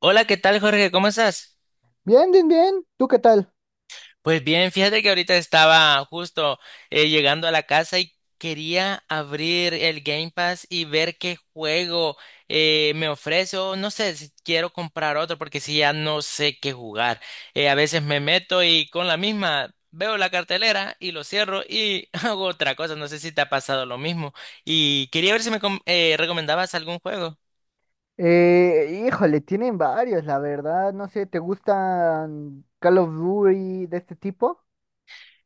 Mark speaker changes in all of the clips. Speaker 1: Hola, ¿qué tal, Jorge? ¿Cómo estás?
Speaker 2: Bien, bien, bien. ¿Tú qué tal?
Speaker 1: Pues bien, fíjate que ahorita estaba justo llegando a la casa y quería abrir el Game Pass y ver qué juego me ofrece. O no sé si quiero comprar otro porque si ya no sé qué jugar. A veces me meto y con la misma veo la cartelera y lo cierro y hago otra cosa. No sé si te ha pasado lo mismo. Y quería ver si me recomendabas algún juego.
Speaker 2: Híjole, tienen varios, la verdad. No sé, ¿te gustan Call of Duty de este tipo?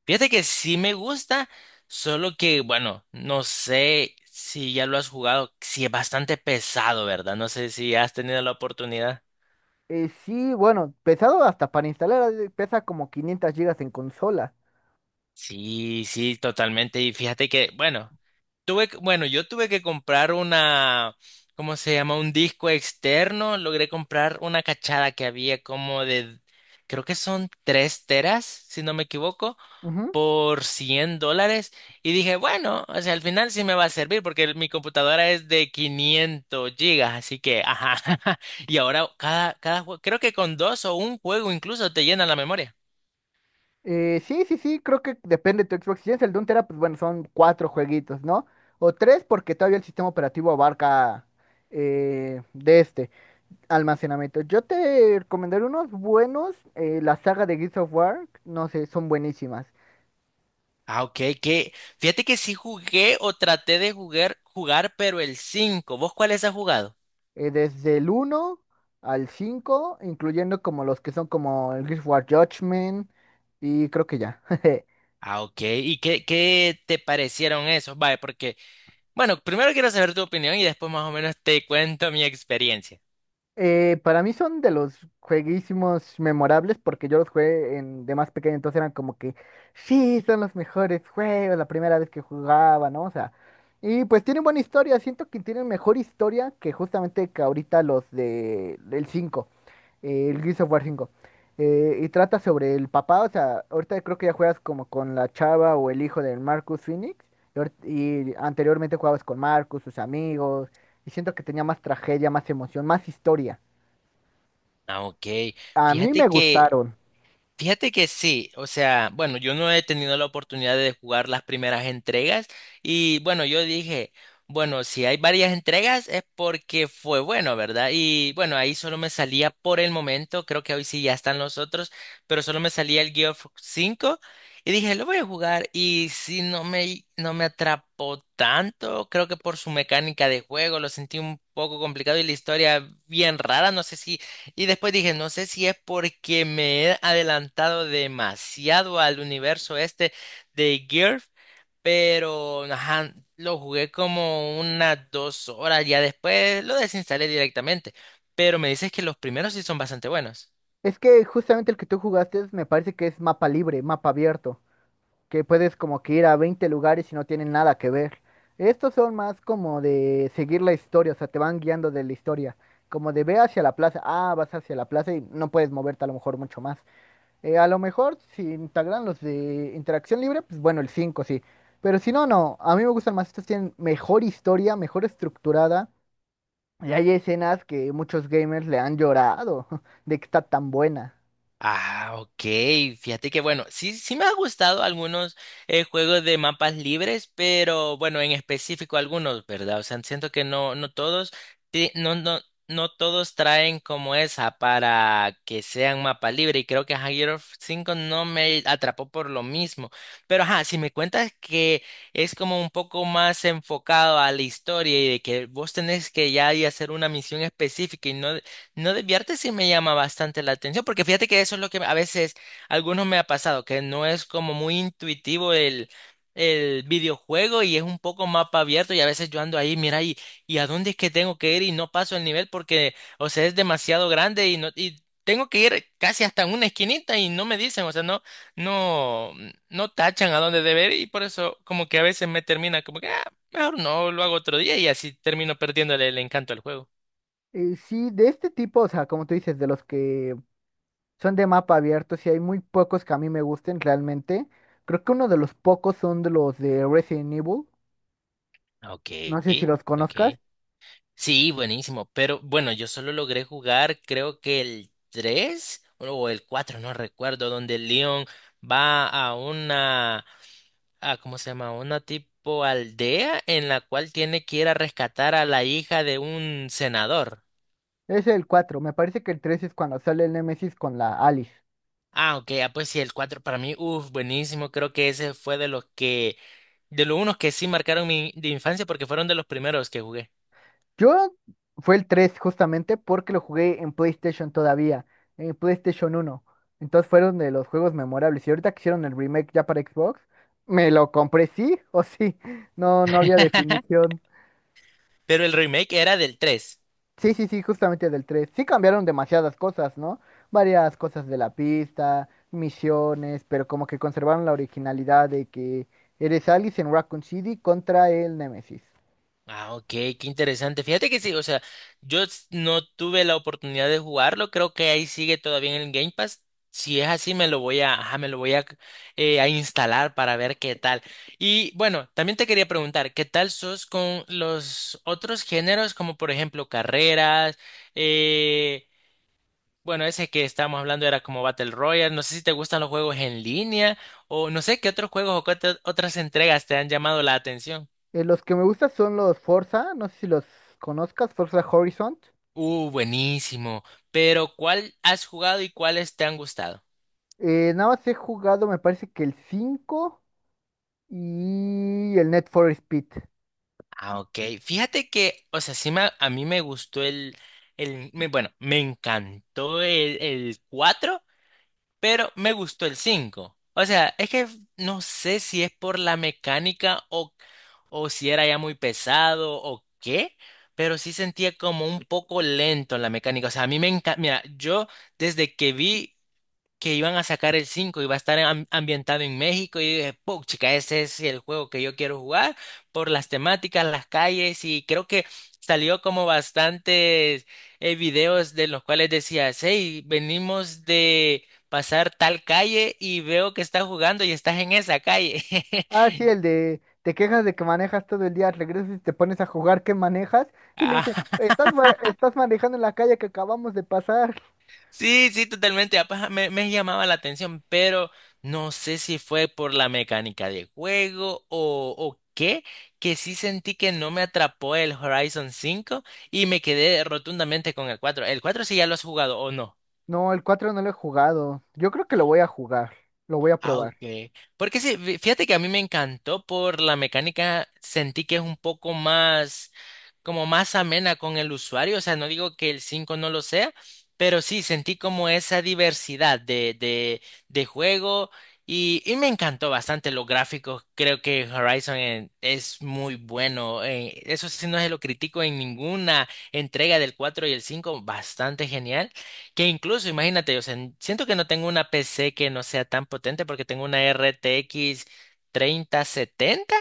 Speaker 1: Fíjate que sí me gusta, solo que, bueno, no sé si ya lo has jugado, si es bastante pesado, ¿verdad? No sé si has tenido la oportunidad.
Speaker 2: Sí, bueno, pesado hasta para instalar, ha pesa como 500 gigas en consola.
Speaker 1: Sí, sí, totalmente. Y fíjate que, bueno, bueno, yo tuve que comprar una, ¿cómo se llama? Un disco externo. Logré comprar una cachada que había como de, creo que son 3 teras, si no me equivoco,
Speaker 2: Ujú.
Speaker 1: por $100. Y dije, bueno, o sea, al final sí me va a servir porque mi computadora es de 500 gigas, así que, ajá, y ahora cada juego, creo que con dos o un juego incluso te llenan la memoria.
Speaker 2: Sí, sí, sí, creo que depende de tu Xbox. Si es el de un tera, pues bueno, son cuatro jueguitos, ¿no? O tres, porque todavía el sistema operativo abarca, de este almacenamiento. Yo te recomendaré unos buenos, la saga de Gears of War, no sé, son buenísimas.
Speaker 1: Ah, ok, que fíjate que sí jugué o traté de jugar, pero el cinco. ¿Vos cuáles has jugado?
Speaker 2: Desde el uno al 5, incluyendo como los que son como el Guild Wars Judgment y creo que ya.
Speaker 1: Ah, ok, ¿y qué te parecieron esos? Vale, porque, bueno, primero quiero saber tu opinión y después más o menos te cuento mi experiencia.
Speaker 2: Para mí son de los jueguísimos memorables porque yo los jugué, en, de más pequeño, entonces eran como que, sí, son los mejores juegos, la primera vez que jugaba, ¿no? O sea, y pues tienen buena historia, siento que tienen mejor historia que justamente que ahorita los de, del 5, el Gears of War 5. Y trata sobre el papá, o sea, ahorita creo que ya juegas como con la chava o el hijo del Marcus Phoenix, y, y anteriormente jugabas con Marcus, sus amigos, y siento que tenía más tragedia, más emoción, más historia.
Speaker 1: Ah, ok,
Speaker 2: A mí
Speaker 1: fíjate
Speaker 2: me
Speaker 1: que
Speaker 2: gustaron.
Speaker 1: Fíjate que sí, o sea, bueno, yo no he tenido la oportunidad de jugar las primeras entregas. Y bueno, yo dije, bueno, si hay varias entregas es porque fue bueno, ¿verdad? Y bueno, ahí solo me salía por el momento, creo que hoy sí ya están los otros, pero solo me salía el Geoff 5. Y dije, lo voy a jugar y si no me atrapó tanto, creo que por su mecánica de juego lo sentí un poco complicado y la historia bien rara. No sé si Y después dije, no sé si es porque me he adelantado demasiado al universo este de GIRF, pero ajá, lo jugué como unas 2 horas, ya después lo desinstalé directamente. Pero me dices que los primeros sí son bastante buenos.
Speaker 2: Es que justamente el que tú jugaste me parece que es mapa libre, mapa abierto, que puedes como que ir a 20 lugares y no tienen nada que ver. Estos son más como de seguir la historia, o sea, te van guiando de la historia. Como de ve hacia la plaza, ah, vas hacia la plaza y no puedes moverte a lo mejor mucho más. A lo mejor si integran los de interacción libre, pues bueno, el 5 sí. Pero si no, no, a mí me gustan más, estos tienen mejor historia, mejor estructurada. Y hay escenas que muchos gamers le han llorado de que está tan buena.
Speaker 1: Ah, ok. Fíjate que bueno, sí, sí me ha gustado algunos juegos de mapas libres, pero bueno, en específico algunos, ¿verdad? O sea, siento que no todos, no, no, no todos traen como esa para que sean mapa libre. Y creo que ajá, Gears of no me atrapó por lo mismo. Pero ajá, si me cuentas que es como un poco más enfocado a la historia y de que vos tenés que ya y hacer una misión específica y no desviarte, sí me llama bastante la atención, porque fíjate que eso es lo que a veces algunos me ha pasado, que no es como muy intuitivo el videojuego y es un poco mapa abierto, y a veces yo ando ahí, mira, y a dónde es que tengo que ir y no paso el nivel porque, o sea, es demasiado grande y no, y tengo que ir casi hasta una esquinita y no me dicen, o sea, no, no tachan a dónde deber, y por eso como que a veces me termina como que, ah, mejor no, lo hago otro día y así termino perdiéndole el encanto al juego.
Speaker 2: Sí, de este tipo, o sea, como tú dices, de los que son de mapa abierto, sí hay muy pocos que a mí me gusten realmente. Creo que uno de los pocos son de los de Resident Evil.
Speaker 1: Ok,
Speaker 2: No sé si los
Speaker 1: ok.
Speaker 2: conozcas.
Speaker 1: Sí, buenísimo, pero bueno, yo solo logré jugar creo que el 3 o el 4, no recuerdo, donde Leon va a una, a, ¿cómo se llama? Una tipo aldea en la cual tiene que ir a rescatar a la hija de un senador.
Speaker 2: Es el cuatro. Me parece que el 3 es cuando sale el Nemesis con la Alice.
Speaker 1: Ah, ok, ah, pues sí, el cuatro para mí, uff, buenísimo, creo que ese fue de los unos que sí marcaron mi de infancia porque fueron de los primeros que jugué.
Speaker 2: Yo fue el 3 justamente porque lo jugué en PlayStation todavía, en PlayStation uno. Entonces fueron de los juegos memorables. Y ahorita que hicieron el remake ya para Xbox, me lo compré sí o sí. No, no había definición.
Speaker 1: Pero el remake era del 3.
Speaker 2: Sí, sí, sí, justamente del tres. Sí cambiaron demasiadas cosas, ¿no? Varias cosas de la pista, misiones, pero como que conservaron la originalidad de que eres Alice en Raccoon City contra el Nemesis.
Speaker 1: Ah, ok, qué interesante. Fíjate que sí, o sea, yo no tuve la oportunidad de jugarlo, creo que ahí sigue todavía en el Game Pass. Si es así, me lo voy a, instalar para ver qué tal. Y bueno, también te quería preguntar, ¿qué tal sos con los otros géneros, como por ejemplo carreras? Eh, bueno, ese que estábamos hablando era como Battle Royale. No sé si te gustan los juegos en línea o no sé qué otros juegos o qué otras entregas te han llamado la atención.
Speaker 2: Los que me gustan son los Forza, no sé si los conozcas, Forza Horizon.
Speaker 1: Buenísimo. Pero ¿cuál has jugado y cuáles te han gustado?
Speaker 2: Nada más he jugado, me parece que el 5 y el Net for Speed.
Speaker 1: Ah, ok. Fíjate que, o sea, sí a mí me gustó el, bueno, me encantó el cuatro, pero me gustó el cinco. O sea, es que no sé si es por la mecánica o si era ya muy pesado o qué, pero sí sentía como un poco lento la mecánica. O sea, a mí me encanta, mira, yo desde que vi que iban a sacar el 5 y va a estar ambientado en México. Y dije, "Puch, ese es el juego que yo quiero jugar por las temáticas, las calles, y creo que salió como bastantes videos de los cuales decías, hey, venimos de pasar tal calle y veo que estás jugando y estás en esa calle".
Speaker 2: Ah, sí, el de te quejas de que manejas todo el día, regresas y te pones a jugar que manejas y le dice,
Speaker 1: Ah,
Speaker 2: estás, estás manejando en la calle que acabamos de pasar.
Speaker 1: sí, sí, totalmente. Me llamaba la atención, pero no sé si fue por la mecánica de juego o qué, que sí sentí que no me atrapó el Horizon cinco, y me quedé rotundamente con el 4. ¿El 4 sí ya lo has jugado o no?
Speaker 2: No, el cuatro no lo he jugado. Yo creo que lo voy a jugar, lo voy a
Speaker 1: Ah,
Speaker 2: probar.
Speaker 1: ok. Porque sí, fíjate que a mí me encantó por la mecánica, sentí que es un poco más, como más amena con el usuario. O sea, no digo que el 5 no lo sea, pero sí sentí como esa diversidad de juego. Y me encantó bastante los gráficos, creo que Horizon es muy bueno, eso sí no se lo critico en ninguna entrega, del 4 y el cinco, bastante genial. Que incluso, imagínate, o sea, siento que no tengo una PC que no sea tan potente porque tengo una RTX 3070,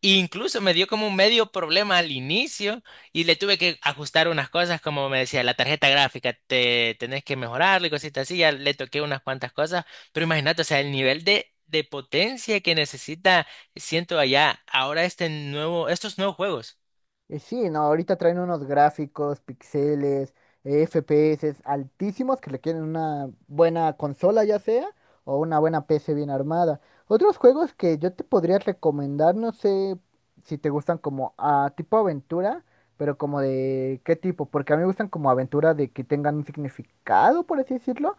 Speaker 1: e incluso me dio como un medio problema al inicio y le tuve que ajustar unas cosas, como me decía la tarjeta gráfica, te tenés que mejorarla y cositas así, ya le toqué unas cuantas cosas, pero imagínate, o sea, el nivel de potencia que necesita, siento allá ahora este nuevo, estos nuevos juegos.
Speaker 2: Sí, no, ahorita traen unos gráficos, píxeles, FPS altísimos que requieren una buena consola ya sea o una buena PC bien armada. Otros juegos que yo te podría recomendar, no sé si te gustan como a tipo aventura, pero como de qué tipo, porque a mí me gustan como aventura de que tengan un significado, por así decirlo,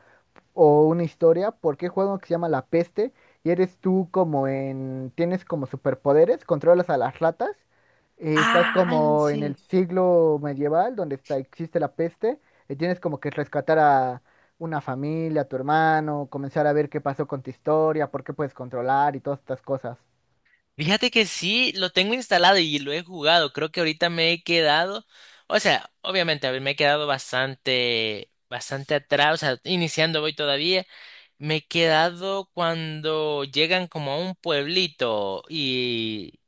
Speaker 2: o una historia, porque juega uno que se llama La Peste y eres tú como en, tienes como superpoderes, controlas a las ratas, estás
Speaker 1: Ah,
Speaker 2: como en el
Speaker 1: sí.
Speaker 2: siglo medieval donde está, existe la peste, y tienes como que rescatar a una familia, a tu hermano, comenzar a ver qué pasó con tu historia, por qué puedes controlar y todas estas cosas.
Speaker 1: Fíjate que sí, lo tengo instalado y lo he jugado. Creo que ahorita me he quedado, o sea, obviamente a ver, me he quedado bastante, bastante atrás, o sea, iniciando voy todavía. Me he quedado cuando llegan como a un pueblito y,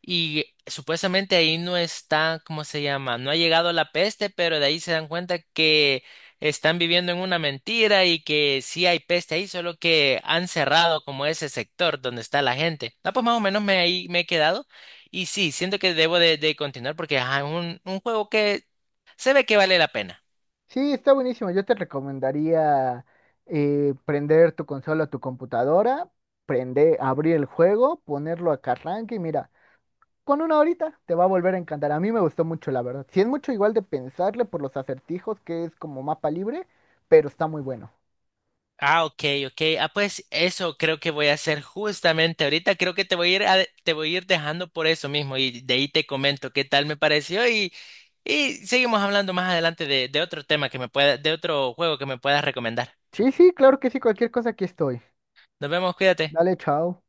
Speaker 1: y supuestamente ahí no está, ¿cómo se llama? No ha llegado la peste, pero de ahí se dan cuenta que están viviendo en una mentira y que sí hay peste ahí, solo que han cerrado como ese sector donde está la gente. No, pues más o menos me, ahí me he quedado y sí, siento que debo de continuar, porque ajá, es un juego que se ve que vale la pena.
Speaker 2: Sí, está buenísimo. Yo te recomendaría prender tu consola o tu computadora, prender, abrir el juego, ponerlo a que arranque y mira. Con una horita te va a volver a encantar. A mí me gustó mucho, la verdad. Si es mucho igual de pensarle por los acertijos, que es como mapa libre, pero está muy bueno.
Speaker 1: Ah, ok, ok. Ah, pues eso creo que voy a hacer justamente ahorita. Creo que te voy a ir, te voy a ir dejando por eso mismo, y de ahí te comento qué tal me pareció, y seguimos hablando más adelante de otro tema que me pueda, de otro juego que me puedas recomendar.
Speaker 2: Sí, sí, claro que sí, cualquier cosa aquí estoy.
Speaker 1: Nos vemos, cuídate.
Speaker 2: Dale, chao.